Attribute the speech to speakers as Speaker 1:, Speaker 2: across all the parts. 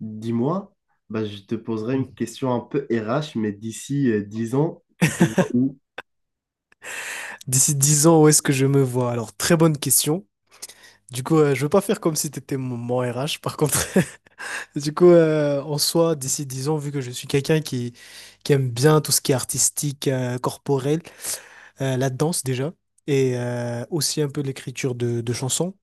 Speaker 1: Dis-moi, bah, je te poserai une question un peu RH, mais d'ici 10 ans, tu te vois où?
Speaker 2: D'ici dix ans, où est-ce que je me vois? Alors, très bonne question. Du coup, je veux pas faire comme si t'étais mon RH, par contre. Du coup, en soi, d'ici 10 ans, vu que je suis quelqu'un qui aime bien tout ce qui est artistique, corporel, la danse déjà, et aussi un peu l'écriture de chansons.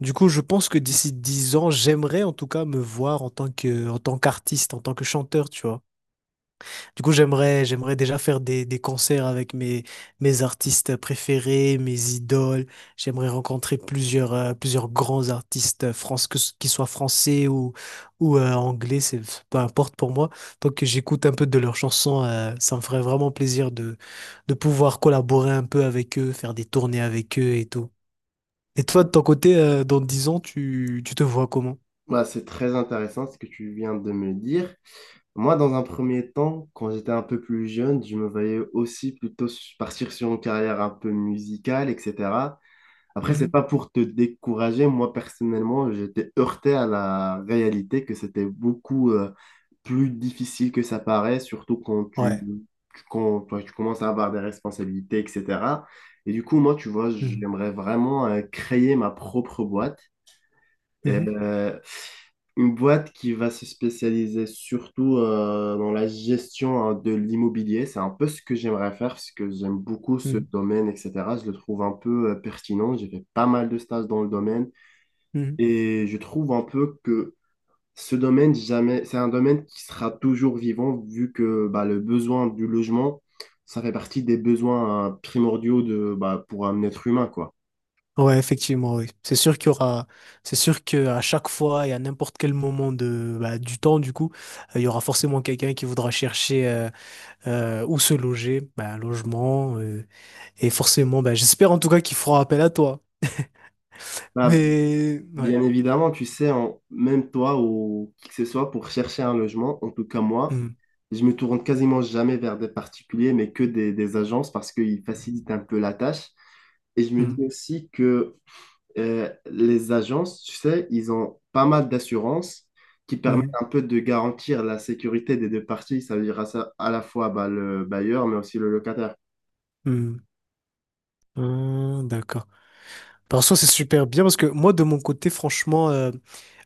Speaker 2: Du coup, je pense que d'ici 10 ans, j'aimerais en tout cas me voir en tant que, en tant qu'artiste, en tant que chanteur, tu vois. Du coup, j'aimerais déjà faire des concerts avec mes artistes préférés, mes idoles. J'aimerais rencontrer plusieurs grands artistes France, qu'ils soient français ou anglais, c'est peu importe pour moi. Tant que j'écoute un peu de leurs chansons, ça me ferait vraiment plaisir de pouvoir collaborer un peu avec eux, faire des tournées avec eux et tout. Et toi, de ton côté, dans 10 ans, tu te vois comment?
Speaker 1: Bah, c'est très intéressant ce que tu viens de me dire. Moi, dans un premier temps, quand j'étais un peu plus jeune, je me voyais aussi plutôt partir sur une carrière un peu musicale, etc. Après, c'est
Speaker 2: Mhm.
Speaker 1: pas pour te décourager. Moi, personnellement, j'étais heurté à la réalité que c'était beaucoup plus difficile que ça paraît, surtout quand
Speaker 2: Ouais.
Speaker 1: quand, toi, tu commences à avoir des responsabilités, etc. Et du coup, moi, tu vois,
Speaker 2: Mhm.
Speaker 1: j'aimerais vraiment créer ma propre boîte.
Speaker 2: Mhm.
Speaker 1: Euh, une boîte qui va se spécialiser surtout dans la gestion, hein, de l'immobilier. C'est un peu ce que j'aimerais faire parce que j'aime beaucoup ce
Speaker 2: Mhm.
Speaker 1: domaine, etc. Je le trouve un peu pertinent. J'ai fait pas mal de stages dans le domaine
Speaker 2: Mhm.
Speaker 1: et je trouve un peu que ce domaine, jamais, c'est un domaine qui sera toujours vivant vu que bah, le besoin du logement, ça fait partie des besoins primordiaux de, bah, pour un être humain, quoi.
Speaker 2: Ouais, effectivement, oui. C'est sûr qu'il y aura, c'est sûr que à chaque fois et à n'importe quel moment bah, du temps, du coup, il y aura forcément quelqu'un qui voudra chercher où se loger, bah, un logement, et forcément, bah, j'espère en tout cas qu'il fera appel à toi.
Speaker 1: Bah,
Speaker 2: Mais ouais.
Speaker 1: bien évidemment, tu sais, même toi ou qui que ce soit, pour chercher un logement, en tout cas moi,
Speaker 2: Hum,
Speaker 1: je me tourne quasiment jamais vers des particuliers, mais que des agences parce qu'ils facilitent un peu la tâche. Et je me dis
Speaker 2: hum,
Speaker 1: aussi que les agences, tu sais, ils ont pas mal d'assurances qui permettent
Speaker 2: hum,
Speaker 1: un peu de garantir la sécurité des deux parties, ça veut dire à la fois bah, le bailleur, mais aussi le locataire.
Speaker 2: hum. D'accord. Par contre, c'est super bien parce que moi, de mon côté, franchement,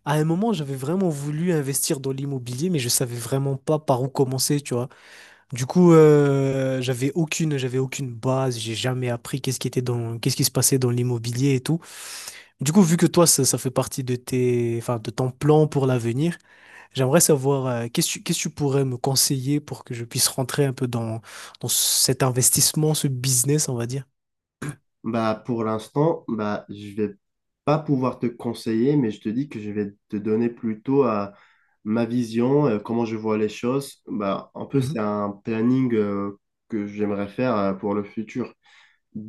Speaker 2: à un moment, j'avais vraiment voulu investir dans l'immobilier, mais je savais vraiment pas par où commencer, tu vois. Du coup, j'avais aucune base, j'ai jamais appris qu'est-ce qui se passait dans l'immobilier et tout. Du coup, vu que toi, ça fait partie de tes, enfin, de ton plan pour l'avenir, j'aimerais savoir, qu'est-ce que tu pourrais me conseiller pour que je puisse rentrer un peu dans cet investissement, ce business, on va dire.
Speaker 1: Bah, pour l'instant, bah, je vais pas pouvoir te conseiller, mais je te dis que je vais te donner plutôt à ma vision, comment je vois les choses. Bah, un peu, c'est
Speaker 2: Mhm,
Speaker 1: un planning que j'aimerais faire pour le futur.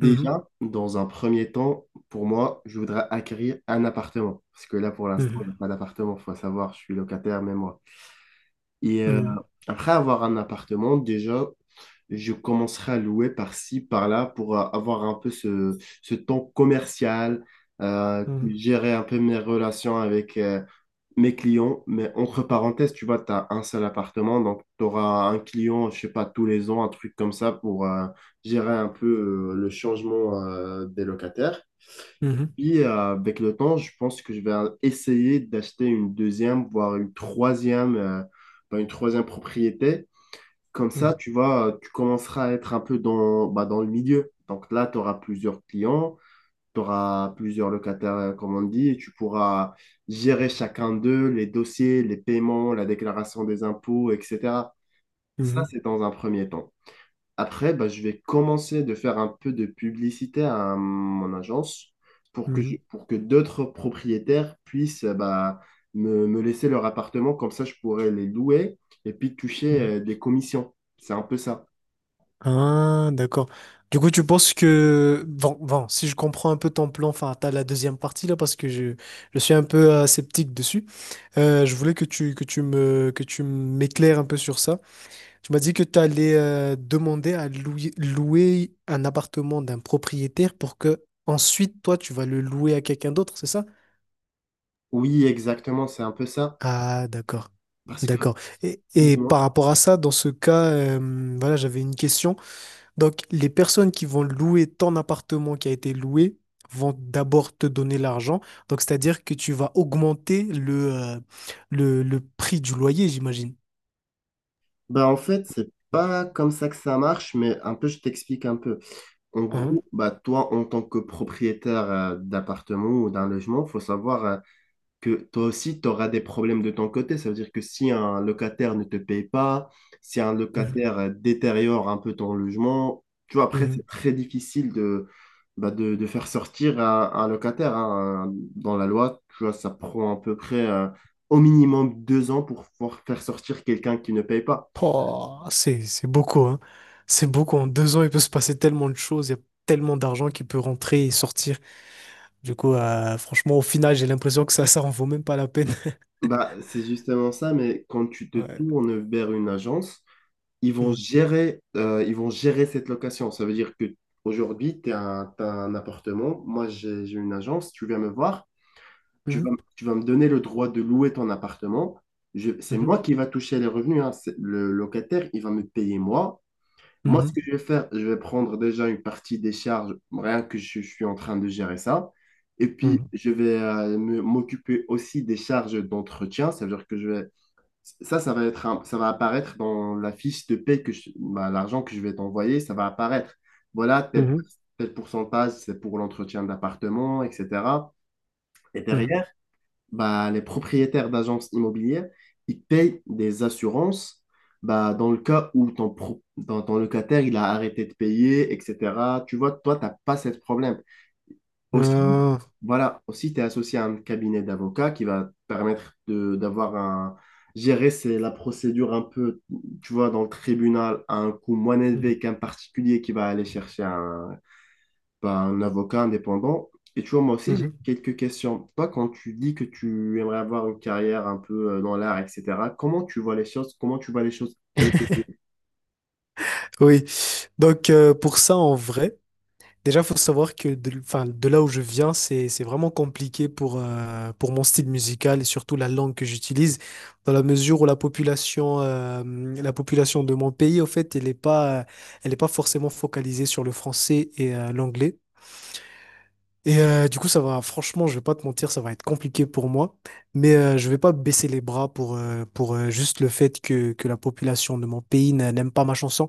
Speaker 2: mhm,
Speaker 1: dans un premier temps, pour moi, je voudrais acquérir un appartement. Parce que là, pour l'instant,
Speaker 2: mhm,
Speaker 1: j'ai pas d'appartement. Faut savoir, je suis locataire, mais moi. Et
Speaker 2: mhm,
Speaker 1: après avoir un appartement, déjà, je commencerai à louer par-ci, par-là, pour avoir un peu ce temps commercial, gérer un peu mes relations avec, mes clients, mais entre parenthèses, tu vois, tu as un seul appartement, donc tu auras un client, je sais pas, tous les ans, un truc comme ça pour gérer un peu le changement des locataires.
Speaker 2: mhm,
Speaker 1: Puis avec le temps, je pense que je vais essayer d'acheter une deuxième, voire une troisième, bah, une troisième propriété. Comme ça,
Speaker 2: mhm,
Speaker 1: tu vois, tu commenceras à être un peu dans, bah, dans le milieu. Donc là, tu auras plusieurs clients, tu auras plusieurs locataires, comme on dit, et tu pourras gérer chacun d'eux, les dossiers, les paiements, la déclaration des impôts, etc.
Speaker 2: mhm,
Speaker 1: Ça,
Speaker 2: mhm,
Speaker 1: c'est dans un premier temps. Après, bah, je vais commencer de faire un peu de publicité à mon agence pour que,
Speaker 2: mhm,
Speaker 1: pour que d'autres propriétaires puissent bah, me laisser leur appartement, comme ça je pourrais les louer et puis toucher
Speaker 2: mhm.
Speaker 1: des commissions. C'est un peu ça.
Speaker 2: Ah, d'accord. Du coup, tu penses que... Bon, si je comprends un peu ton plan, enfin, t'as la deuxième partie là, parce que je suis un peu sceptique dessus. Je voulais que tu m'éclaires un peu sur ça. Tu m'as dit que tu allais louer un appartement d'un propriétaire pour que ensuite, toi, tu vas le louer à quelqu'un d'autre, c'est ça?
Speaker 1: Oui, exactement, c'est un peu ça.
Speaker 2: Ah, d'accord.
Speaker 1: Parce que
Speaker 2: D'accord. Et par
Speaker 1: bon,
Speaker 2: rapport à ça, dans ce cas, voilà, j'avais une question. Donc, les personnes qui vont louer ton appartement qui a été loué vont d'abord te donner l'argent. Donc, c'est-à-dire que tu vas augmenter le prix du loyer, j'imagine.
Speaker 1: Bah, en fait, c'est pas comme ça que ça marche, mais un peu, je t'explique un peu. En
Speaker 2: Hein.
Speaker 1: gros, bah, toi, en tant que propriétaire d'appartement ou d'un logement, faut savoir que toi aussi, tu auras des problèmes de ton côté. Ça veut dire que si un locataire ne te paye pas, si un
Speaker 2: Mhm.
Speaker 1: locataire détériore un peu ton logement, tu vois, après,
Speaker 2: Mhm.
Speaker 1: c'est très difficile de, bah, de faire sortir un locataire, hein. Dans la loi, tu vois, ça prend à peu près au minimum 2 ans pour pouvoir faire sortir quelqu'un qui ne paye pas.
Speaker 2: Oh, c'est beaucoup, hein. C'est beaucoup. En deux ans, il peut se passer tellement de choses. Il y a tellement d'argent qui peut rentrer et sortir. Du coup, franchement, au final, j'ai l'impression que ça en vaut même pas la peine.
Speaker 1: Bah, c'est justement ça, mais quand tu te
Speaker 2: Ouais.
Speaker 1: tournes vers une agence,
Speaker 2: Mhm.
Speaker 1: ils vont gérer cette location. Ça veut dire que aujourd'hui, t'as un appartement, moi j'ai une agence, tu viens me voir, tu
Speaker 2: Mhm.
Speaker 1: vas, tu vas me donner le droit de louer ton appartement. C'est moi qui va toucher les revenus, hein. Le locataire, il va me payer moi. Moi, ce que je vais faire, je vais prendre déjà une partie des charges, rien que je suis en train de gérer ça. Et puis,
Speaker 2: Mhm.
Speaker 1: je vais m'occuper aussi des charges d'entretien. Ça veut dire que je vais ça, ça va être un- ça va apparaître dans la fiche de paie bah, l'argent que je vais t'envoyer, ça va apparaître. Voilà,
Speaker 2: Mhm.
Speaker 1: tel,
Speaker 2: Mhm.
Speaker 1: tel pourcentage, c'est pour l'entretien d'appartement, etc. Et
Speaker 2: Mhm.
Speaker 1: derrière, bah, les propriétaires d'agences immobilières, ils payent des assurances bah, dans le cas où ton locataire, il a arrêté de payer, etc. Tu vois, toi, tu n'as pas ce problème. Aussi,
Speaker 2: Mhm. Ah.
Speaker 1: voilà, aussi, tu es associé à un cabinet d'avocats qui va te permettre de d'avoir un. Gérer, c'est la procédure un peu, tu vois, dans le tribunal, à un coût moins
Speaker 2: Mhm.
Speaker 1: élevé qu'un particulier qui va aller chercher un avocat indépendant. Et tu vois, moi aussi, j'ai
Speaker 2: Mhm.
Speaker 1: quelques questions. Toi, quand tu dis que tu aimerais avoir une carrière un peu dans l'art, etc., comment tu vois les choses?
Speaker 2: Oui, donc pour ça, en vrai, déjà, faut savoir enfin, de là où je viens, c'est vraiment compliqué pour mon style musical et surtout la langue que j'utilise, dans la mesure où la population de mon pays, au fait, elle est pas forcément focalisée sur le français et l'anglais. Et du coup, ça va, franchement, je vais pas te mentir, ça va être compliqué pour moi, mais je vais pas baisser les bras pour juste le fait que la population de mon pays n'aime pas ma chanson.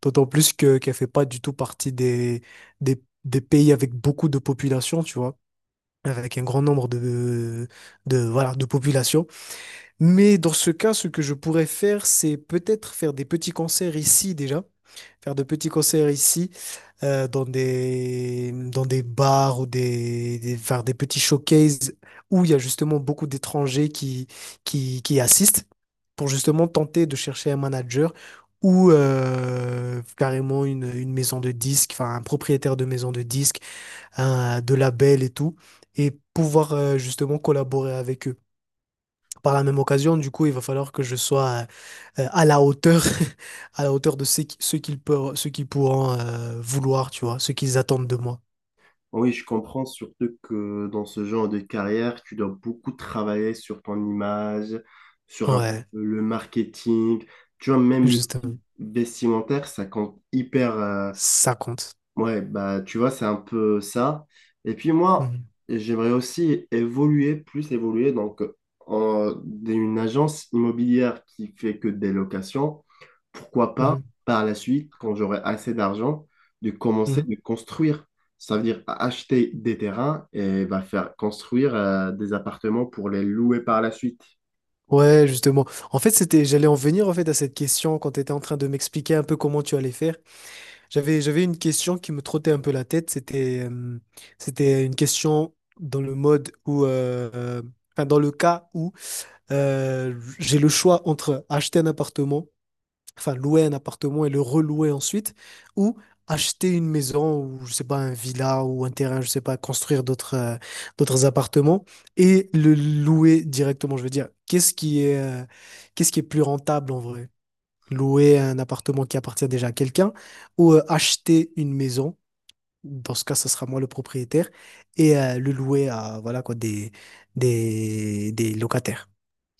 Speaker 2: D'autant plus que qu'elle fait pas du tout partie des pays avec beaucoup de population, tu vois, avec un grand nombre voilà, de population. Mais dans ce cas, ce que je pourrais faire, c'est peut-être faire des petits concerts ici déjà, faire de petits concerts ici, dans des bars ou faire des petits showcases où il y a justement beaucoup d'étrangers qui assistent pour justement tenter de chercher un manager ou carrément une maison de disques, enfin un propriétaire de maison de disques, de label et tout, et pouvoir justement collaborer avec eux. Par la même occasion, du coup, il va falloir que je sois à la hauteur, à la hauteur de ce qu'ils peuvent, ce qu'ils pourront vouloir, tu vois, ce qu'ils attendent de moi.
Speaker 1: Oui, je comprends surtout que dans ce genre de carrière, tu dois beaucoup travailler sur ton image, sur un peu
Speaker 2: Ouais,
Speaker 1: le marketing. Tu vois, même le style
Speaker 2: justement,
Speaker 1: vestimentaire, ça compte hyper.
Speaker 2: ça compte.
Speaker 1: Ouais, bah tu vois, c'est un peu ça. Et puis moi,
Speaker 2: Mhm,
Speaker 1: j'aimerais aussi évoluer, plus évoluer, donc d'une agence immobilière qui fait que des locations. Pourquoi pas,
Speaker 2: mhm,
Speaker 1: par la suite, quand j'aurai assez d'argent, de commencer
Speaker 2: mhm.
Speaker 1: de construire. Ça veut dire acheter des terrains et bah, faire construire des appartements pour les louer par la suite.
Speaker 2: Ouais, justement. En fait, j'allais en venir en fait à cette question quand tu étais en train de m'expliquer un peu comment tu allais faire. J'avais une question qui me trottait un peu la tête. C'était, c'était une question dans le mode enfin, dans le cas où euh, j'ai le choix entre acheter un appartement, enfin louer un appartement et le relouer ensuite, ou acheter une maison ou je sais pas un villa ou un terrain, je sais pas, construire d'autres appartements et le louer directement. Je veux dire, qu'est-ce qui est plus rentable en vrai? Louer un appartement qui appartient déjà à quelqu'un ou acheter une maison. Dans ce cas, ce sera moi le propriétaire et le louer à voilà quoi des locataires.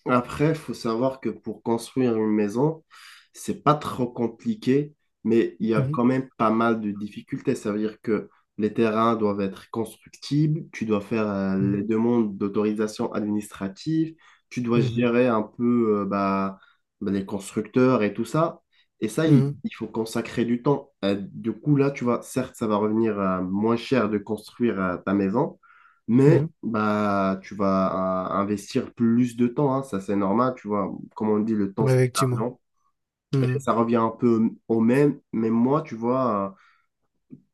Speaker 1: Après, il faut savoir que pour construire une maison, c'est pas trop compliqué, mais il y a
Speaker 2: Mhm.
Speaker 1: quand même pas mal de difficultés. Ça veut dire que les terrains doivent être constructibles, tu dois faire
Speaker 2: Mhm.
Speaker 1: les demandes d'autorisation administrative, tu dois
Speaker 2: Mhm,
Speaker 1: gérer un peu bah, les constructeurs et tout ça. Et ça, il,
Speaker 2: mhm,
Speaker 1: il faut consacrer du temps. Du coup, là, tu vois, certes, ça va revenir moins cher de construire ta maison, mais
Speaker 2: mhm.
Speaker 1: bah, tu vas investir plus de temps, hein, ça c'est normal, tu vois. Comme on dit, le temps
Speaker 2: Ouais,
Speaker 1: c'est de
Speaker 2: effectivement.
Speaker 1: l'argent. Et
Speaker 2: Mhm,
Speaker 1: ça revient un peu au même, mais moi, tu vois,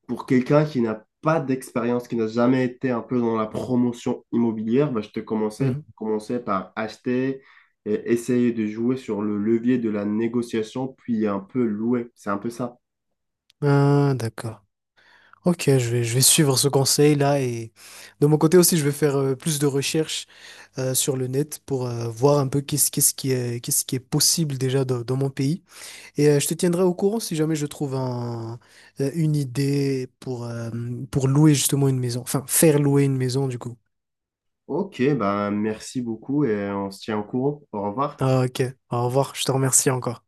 Speaker 1: pour quelqu'un qui n'a pas d'expérience, qui n'a jamais été un peu dans la promotion immobilière, bah, je te commençais,
Speaker 2: mhm.
Speaker 1: commençais par acheter et essayer de jouer sur le levier de la négociation, puis un peu louer. C'est un peu ça.
Speaker 2: Ah, d'accord. Ok, je vais suivre ce conseil-là et de mon côté aussi, je vais faire plus de recherches sur le net pour voir un peu qu'est-ce qui est possible déjà dans mon pays. Et je te tiendrai au courant si jamais je trouve une idée pour louer justement une maison, enfin faire louer une maison du coup.
Speaker 1: Ok, bah, merci beaucoup et on se tient au courant. Au revoir.
Speaker 2: Ah, ok, au revoir, je te remercie encore.